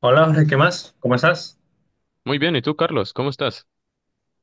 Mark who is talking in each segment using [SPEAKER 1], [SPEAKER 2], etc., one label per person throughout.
[SPEAKER 1] Hola, Jorge, ¿qué más? ¿Cómo estás?
[SPEAKER 2] Muy bien, ¿y tú, Carlos? ¿Cómo estás?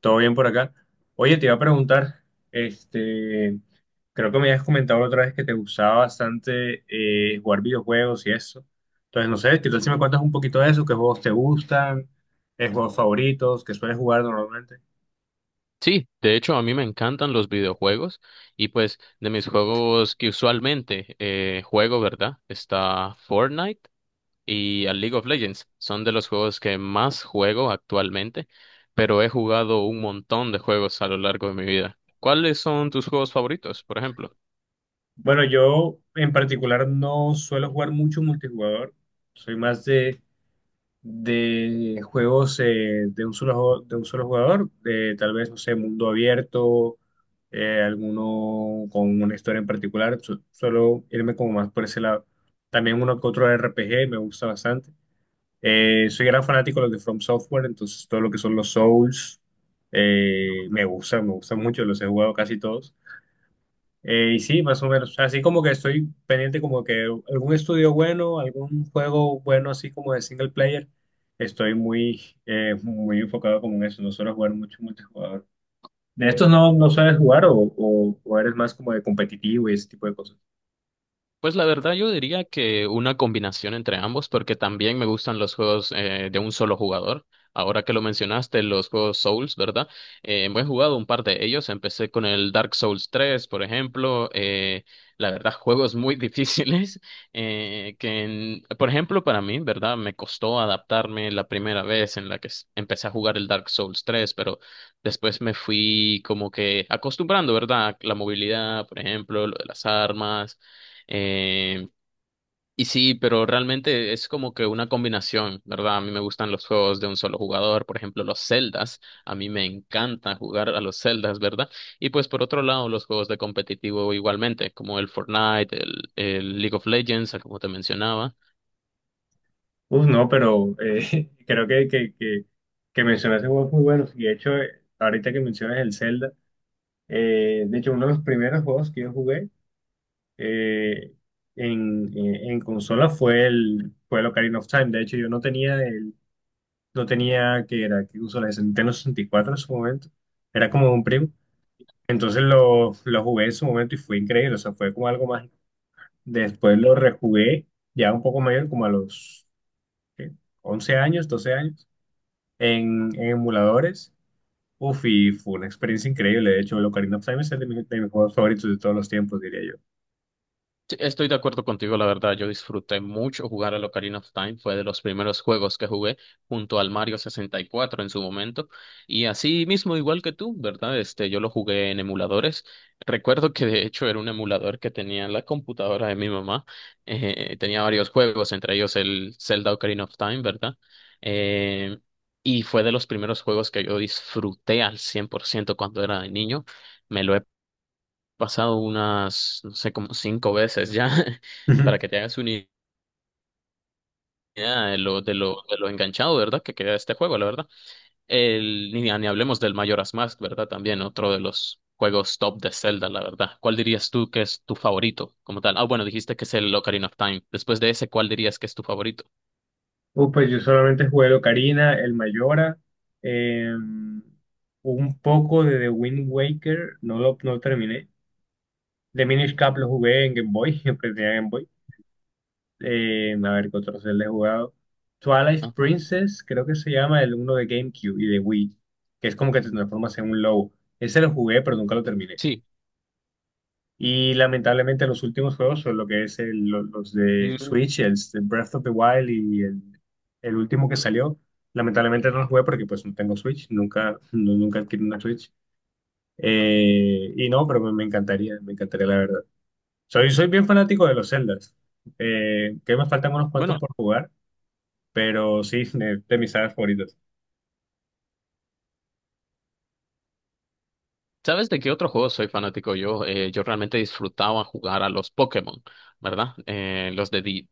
[SPEAKER 1] ¿Todo bien por acá? Oye, te iba a preguntar, este, creo que me habías comentado la otra vez que te gustaba bastante jugar videojuegos y eso. Entonces, no sé, ¿qué tal si me cuentas un poquito de eso? ¿Qué juegos te gustan? ¿Qué juegos favoritos? ¿Qué sueles jugar normalmente?
[SPEAKER 2] Sí, de hecho, a mí me encantan los videojuegos y pues de mis juegos que usualmente juego, ¿verdad? Está Fortnite y a League of Legends. Son de los juegos que más juego actualmente, pero he jugado un montón de juegos a lo largo de mi vida. ¿Cuáles son tus juegos favoritos, por ejemplo?
[SPEAKER 1] Bueno, yo en particular no suelo jugar mucho multijugador. Soy más de juegos de un solo, de un solo jugador, de tal vez, no sé, mundo abierto, alguno con una historia en particular, suelo irme como más por ese lado. También uno que otro RPG me gusta bastante. Soy gran fanático de los de From Software, entonces todo lo que son los Souls, me gusta mucho, los he jugado casi todos. Y sí, más o menos. Así como que estoy pendiente como que algún estudio bueno, algún juego bueno, así como de single player. Estoy muy enfocado como en eso. No suelo jugar mucho multijugador. ¿De estos no sabes jugar o eres más como de competitivo y ese tipo de cosas?
[SPEAKER 2] Pues la verdad yo diría que una combinación entre ambos, porque también me gustan los juegos de un solo jugador. Ahora que lo mencionaste, los juegos Souls, ¿verdad? Me he jugado un par de ellos. Empecé con el Dark Souls 3, por ejemplo. La verdad, juegos muy difíciles que, por ejemplo, para mí, ¿verdad? Me costó adaptarme la primera vez en la que empecé a jugar el Dark Souls 3, pero después me fui como que acostumbrando, ¿verdad? La movilidad, por ejemplo, lo de las armas, eh, y sí, pero realmente es como que una combinación, ¿verdad? A mí me gustan los juegos de un solo jugador, por ejemplo, los Zeldas, a mí me encanta jugar a los Zeldas, ¿verdad? Y pues por otro lado, los juegos de competitivo igualmente, como el Fortnite, el League of Legends, como te mencionaba.
[SPEAKER 1] Uf, no, pero creo que mencionaste juegos muy buenos. Y de hecho, ahorita que mencionas el Zelda, de hecho, uno de los primeros juegos que yo jugué eh, en consola fue el Ocarina of Time. De hecho, yo no tenía el, no tenía, que era que consola de Nintendo 64 en su momento. Era como un primo. Entonces lo jugué en su momento y fue increíble. O sea, fue como algo más. Después lo rejugué ya un poco mayor, como a los ¿qué? 11 años, 12 años, en emuladores. Uf, y fue una experiencia increíble. De hecho, el Ocarina of Time es el de, de mis juegos favoritos de todos los tiempos, diría
[SPEAKER 2] Sí, estoy de acuerdo contigo, la verdad. Yo disfruté mucho jugar al Ocarina of Time. Fue de los primeros juegos que jugué junto al Mario 64 en su momento. Y así mismo, igual que tú, ¿verdad? Este, yo lo jugué en emuladores. Recuerdo que de hecho era un emulador que tenía en la computadora de mi mamá. Tenía varios juegos, entre ellos el Zelda Ocarina of Time, ¿verdad? Eh, y fue de los primeros juegos que yo disfruté al 100% cuando era niño. Me lo he pasado unas, no sé, como cinco veces ya,
[SPEAKER 1] yo.
[SPEAKER 2] para que te hagas una idea de lo, de lo enganchado, ¿verdad? Que queda este juego, la verdad. El, ni, ni hablemos del Majora's Mask, ¿verdad? También otro de los juegos top de Zelda, la verdad. ¿Cuál dirías tú que es tu favorito como tal? Ah, bueno, dijiste que es el Ocarina of Time. Después de ese, ¿cuál dirías que es tu favorito?
[SPEAKER 1] Pues yo solamente jugué el Ocarina, el Mayora, eh, un poco de The Wind Waker, no lo terminé. The Minish Cap lo jugué en Game Boy, siempre tenía Game Boy. A ver qué otros le he jugado. Twilight
[SPEAKER 2] Ajá.
[SPEAKER 1] Princess, creo que se llama el uno de GameCube y de Wii, que es como que te transformas en un lobo. Ese lo jugué, pero nunca lo terminé.
[SPEAKER 2] Sí.
[SPEAKER 1] Y lamentablemente los últimos juegos son lo que es los de
[SPEAKER 2] Mm.
[SPEAKER 1] Switch, Breath of the Wild el último que salió. Lamentablemente no los jugué porque pues no tengo Switch, nunca adquirí una Switch. Y no, pero me encantaría la verdad. Soy bien fanático de los Zeldas, que me faltan unos cuantos
[SPEAKER 2] Bueno,
[SPEAKER 1] por jugar, pero sí, de mis sagas favoritas.
[SPEAKER 2] ¿sabes de qué otro juego soy fanático yo? Yo realmente disfrutaba jugar a los Pokémon, ¿verdad?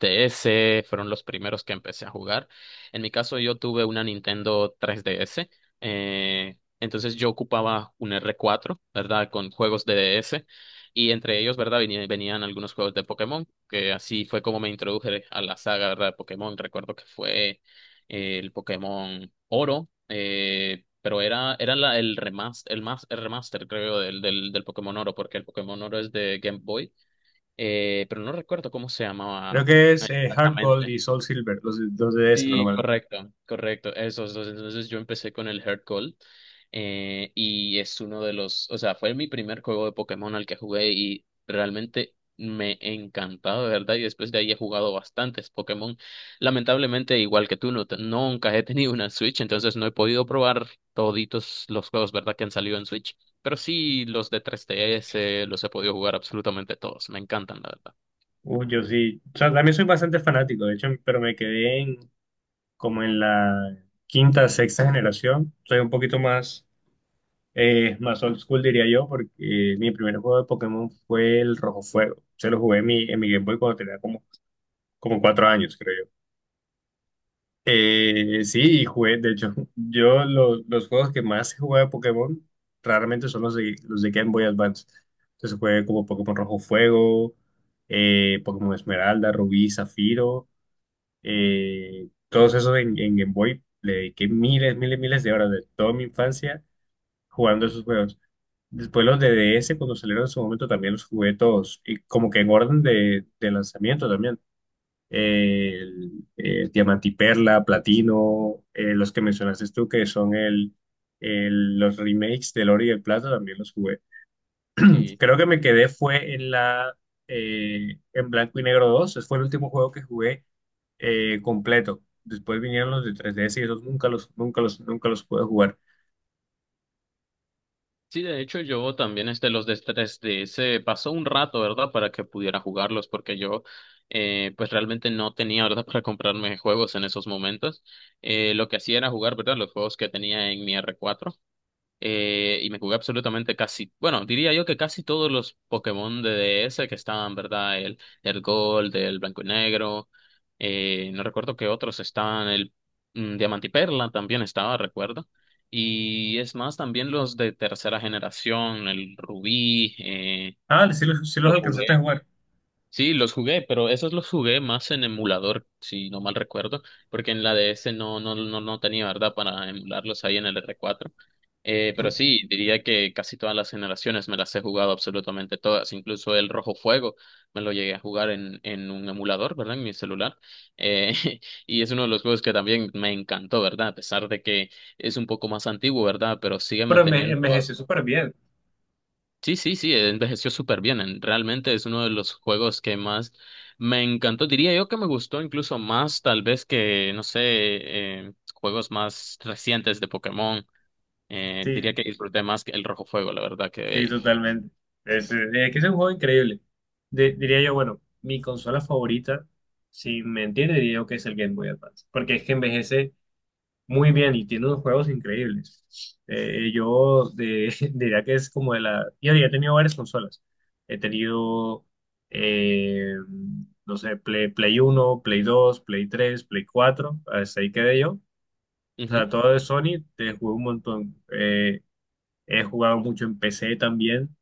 [SPEAKER 2] DS fueron los primeros que empecé a jugar. En mi caso, yo tuve una Nintendo 3DS, entonces yo ocupaba un R4, ¿verdad? Con juegos de DS, y entre ellos, ¿verdad? Venían algunos juegos de Pokémon, que así fue como me introduje a la saga, ¿verdad? De Pokémon. Recuerdo que fue el Pokémon Oro. Pero era, era la, el remaster, el remaster, creo, del Pokémon Oro, porque el Pokémon Oro es de Game Boy. Pero no recuerdo cómo se
[SPEAKER 1] Creo
[SPEAKER 2] llamaba
[SPEAKER 1] que es Heart Gold
[SPEAKER 2] exactamente.
[SPEAKER 1] y Soul Silver, los de DS
[SPEAKER 2] Sí,
[SPEAKER 1] normal.
[SPEAKER 2] correcto, correcto. Esos dos. Entonces yo empecé con el Heart Gold, y es uno de los, o sea, fue mi primer juego de Pokémon al que jugué y realmente me encantaba, de verdad. Y después de ahí he jugado bastantes Pokémon. Lamentablemente, igual que tú, no, nunca he tenido una Switch, entonces no he podido probar toditos los juegos, ¿verdad? Que han salido en Switch. Pero sí, los de 3DS los he podido jugar absolutamente todos. Me encantan, la verdad.
[SPEAKER 1] Uy, yo sí, o sea, también soy bastante fanático, de hecho, pero me quedé en como en la quinta, sexta generación. Soy un poquito más old school, diría yo, porque mi primer juego de Pokémon fue el Rojo Fuego. Se lo jugué en mi Game Boy cuando tenía como, como 4 años, creo yo. Sí, y jugué, de hecho, los juegos que más he jugado de Pokémon raramente son los de Game Boy Advance. Entonces jugué como Pokémon Rojo Fuego, Pokémon Esmeralda, Rubí, Zafiro. Todos esos en Game Boy le dediqué miles, miles, miles de horas de toda mi infancia jugando esos juegos. Después los de DS cuando salieron en su momento, también los jugué todos. Y como que en orden de lanzamiento también. Eh, el, Diamante y Perla, Platino, los que mencionaste tú, que son los remakes del Oro y el Plata, también los jugué.
[SPEAKER 2] Sí.
[SPEAKER 1] Creo que me quedé fue en la en Blanco y Negro 2. Ese fue el último juego que jugué completo. Después vinieron los de 3DS y esos nunca los pude jugar.
[SPEAKER 2] Sí, de hecho yo también este los de 3DS pasó un rato, ¿verdad? Para que pudiera jugarlos, porque yo, pues realmente no tenía, ¿verdad? Para comprarme juegos en esos momentos. Lo que hacía era jugar, ¿verdad? Los juegos que tenía en mi R4, y me jugué absolutamente casi, bueno, diría yo que casi todos los Pokémon de DS que estaban, ¿verdad? El Gold, el Blanco y Negro, no recuerdo qué otros estaban, el mm, Diamante y Perla también estaba, recuerdo. Y es más, también los de tercera generación, el Rubí,
[SPEAKER 1] Ah, sí sí los
[SPEAKER 2] lo
[SPEAKER 1] alcancé a
[SPEAKER 2] jugué.
[SPEAKER 1] jugar.
[SPEAKER 2] Sí, los jugué, pero esos los jugué más en emulador, si no mal recuerdo, porque en la DS no tenía verdad para emularlos ahí en el R4. Pero sí, diría que casi todas las generaciones me las he jugado absolutamente todas, incluso el Rojo Fuego me lo llegué a jugar en un emulador, ¿verdad? En mi celular. Eh, y es uno de los juegos que también me encantó, ¿verdad? A pesar de que es un poco más antiguo, ¿verdad? Pero sigue
[SPEAKER 1] Pero me
[SPEAKER 2] manteniendo.
[SPEAKER 1] envejeció súper bien.
[SPEAKER 2] Sí, sí, sí, envejeció súper bien. Realmente es uno de los juegos que más me encantó. Diría yo que me gustó incluso más, tal vez que, no sé, juegos más recientes de Pokémon. Diría
[SPEAKER 1] Sí,
[SPEAKER 2] que disfruté más que el Rojo Fuego, la verdad
[SPEAKER 1] sí,
[SPEAKER 2] que...
[SPEAKER 1] totalmente. Es, que es un juego increíble. Diría yo, bueno, mi consola favorita, si me entiende, diría yo que es el Game Boy Advance. Porque es que envejece muy bien y tiene unos juegos increíbles. Yo diría que es como de la... Yo ya he tenido varias consolas. He tenido, eh, no sé, Play 1, Play 2, Play 3, Play 4, hasta ahí quedé yo. O
[SPEAKER 2] Ujú.
[SPEAKER 1] sea, todo de Sony, te jugué un montón. He jugado mucho en PC también.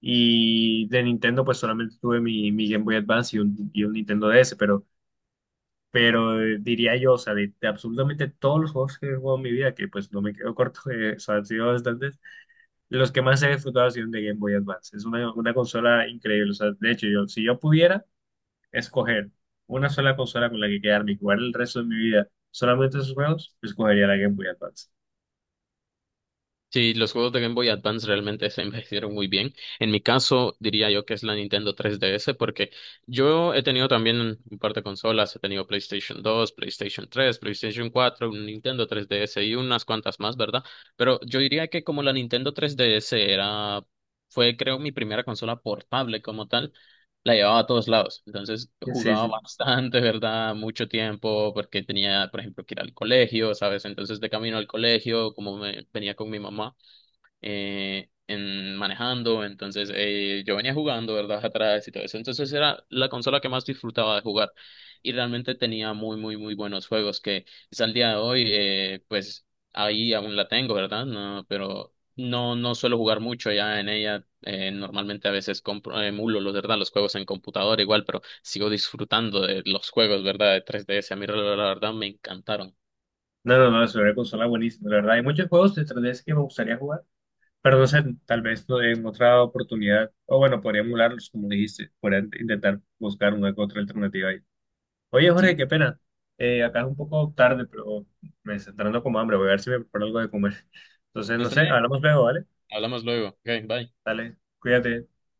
[SPEAKER 1] Y de Nintendo, pues solamente tuve mi Game Boy Advance y un Nintendo DS, pero diría yo, o sea, de absolutamente todos los juegos que he jugado en mi vida, que pues no me quedo corto, o sea, han sido bastantes, los que más he disfrutado han sido de Game Boy Advance. Es una consola increíble, o sea, de hecho, yo, si yo pudiera escoger una sola consola con la que quedarme y jugar el resto de mi vida solamente esos juegos, pues escogería la Game Boy Advance.
[SPEAKER 2] Sí, los juegos de Game Boy Advance realmente se envejecieron muy bien. En mi caso, diría yo que es la Nintendo 3DS, porque yo he tenido también un par de consolas, he tenido PlayStation 2, PlayStation 3, PlayStation 4, un Nintendo 3DS y unas cuantas más, ¿verdad? Pero yo diría que como la Nintendo 3DS era, fue creo mi primera consola portable como tal, la llevaba a todos lados. Entonces
[SPEAKER 1] Sí, sí.
[SPEAKER 2] jugaba
[SPEAKER 1] Sí.
[SPEAKER 2] bastante, ¿verdad? Mucho tiempo porque tenía, por ejemplo, que ir al colegio, ¿sabes? Entonces de camino al colegio, como me, venía con mi mamá en manejando, entonces yo venía jugando, ¿verdad? Atrás y todo eso, entonces era la consola que más disfrutaba de jugar y realmente tenía muy buenos juegos que es al día de hoy. Pues ahí aún la tengo, ¿verdad? No, pero no, no suelo jugar mucho ya en ella, normalmente a veces compro, emulo, los, ¿verdad? Los juegos en computadora igual, pero sigo disfrutando de los juegos, ¿verdad? De 3DS, a mí la verdad me encantaron.
[SPEAKER 1] No, no, no, es una consola buenísima, la verdad. Hay muchos juegos de 3DS que me gustaría jugar, pero no sé, tal vez no en otra oportunidad, o bueno, podría emularlos, como dijiste, podría intentar buscar una u otra alternativa ahí. Oye, Jorge,
[SPEAKER 2] Sí,
[SPEAKER 1] qué pena. Acá es un poco tarde, pero me está entrando como hambre. Voy a ver si me preparo algo de comer. Entonces, no
[SPEAKER 2] está
[SPEAKER 1] sé,
[SPEAKER 2] bien,
[SPEAKER 1] hablamos luego, ¿vale?
[SPEAKER 2] hablamos luego, ok, bye.
[SPEAKER 1] Dale, cuídate.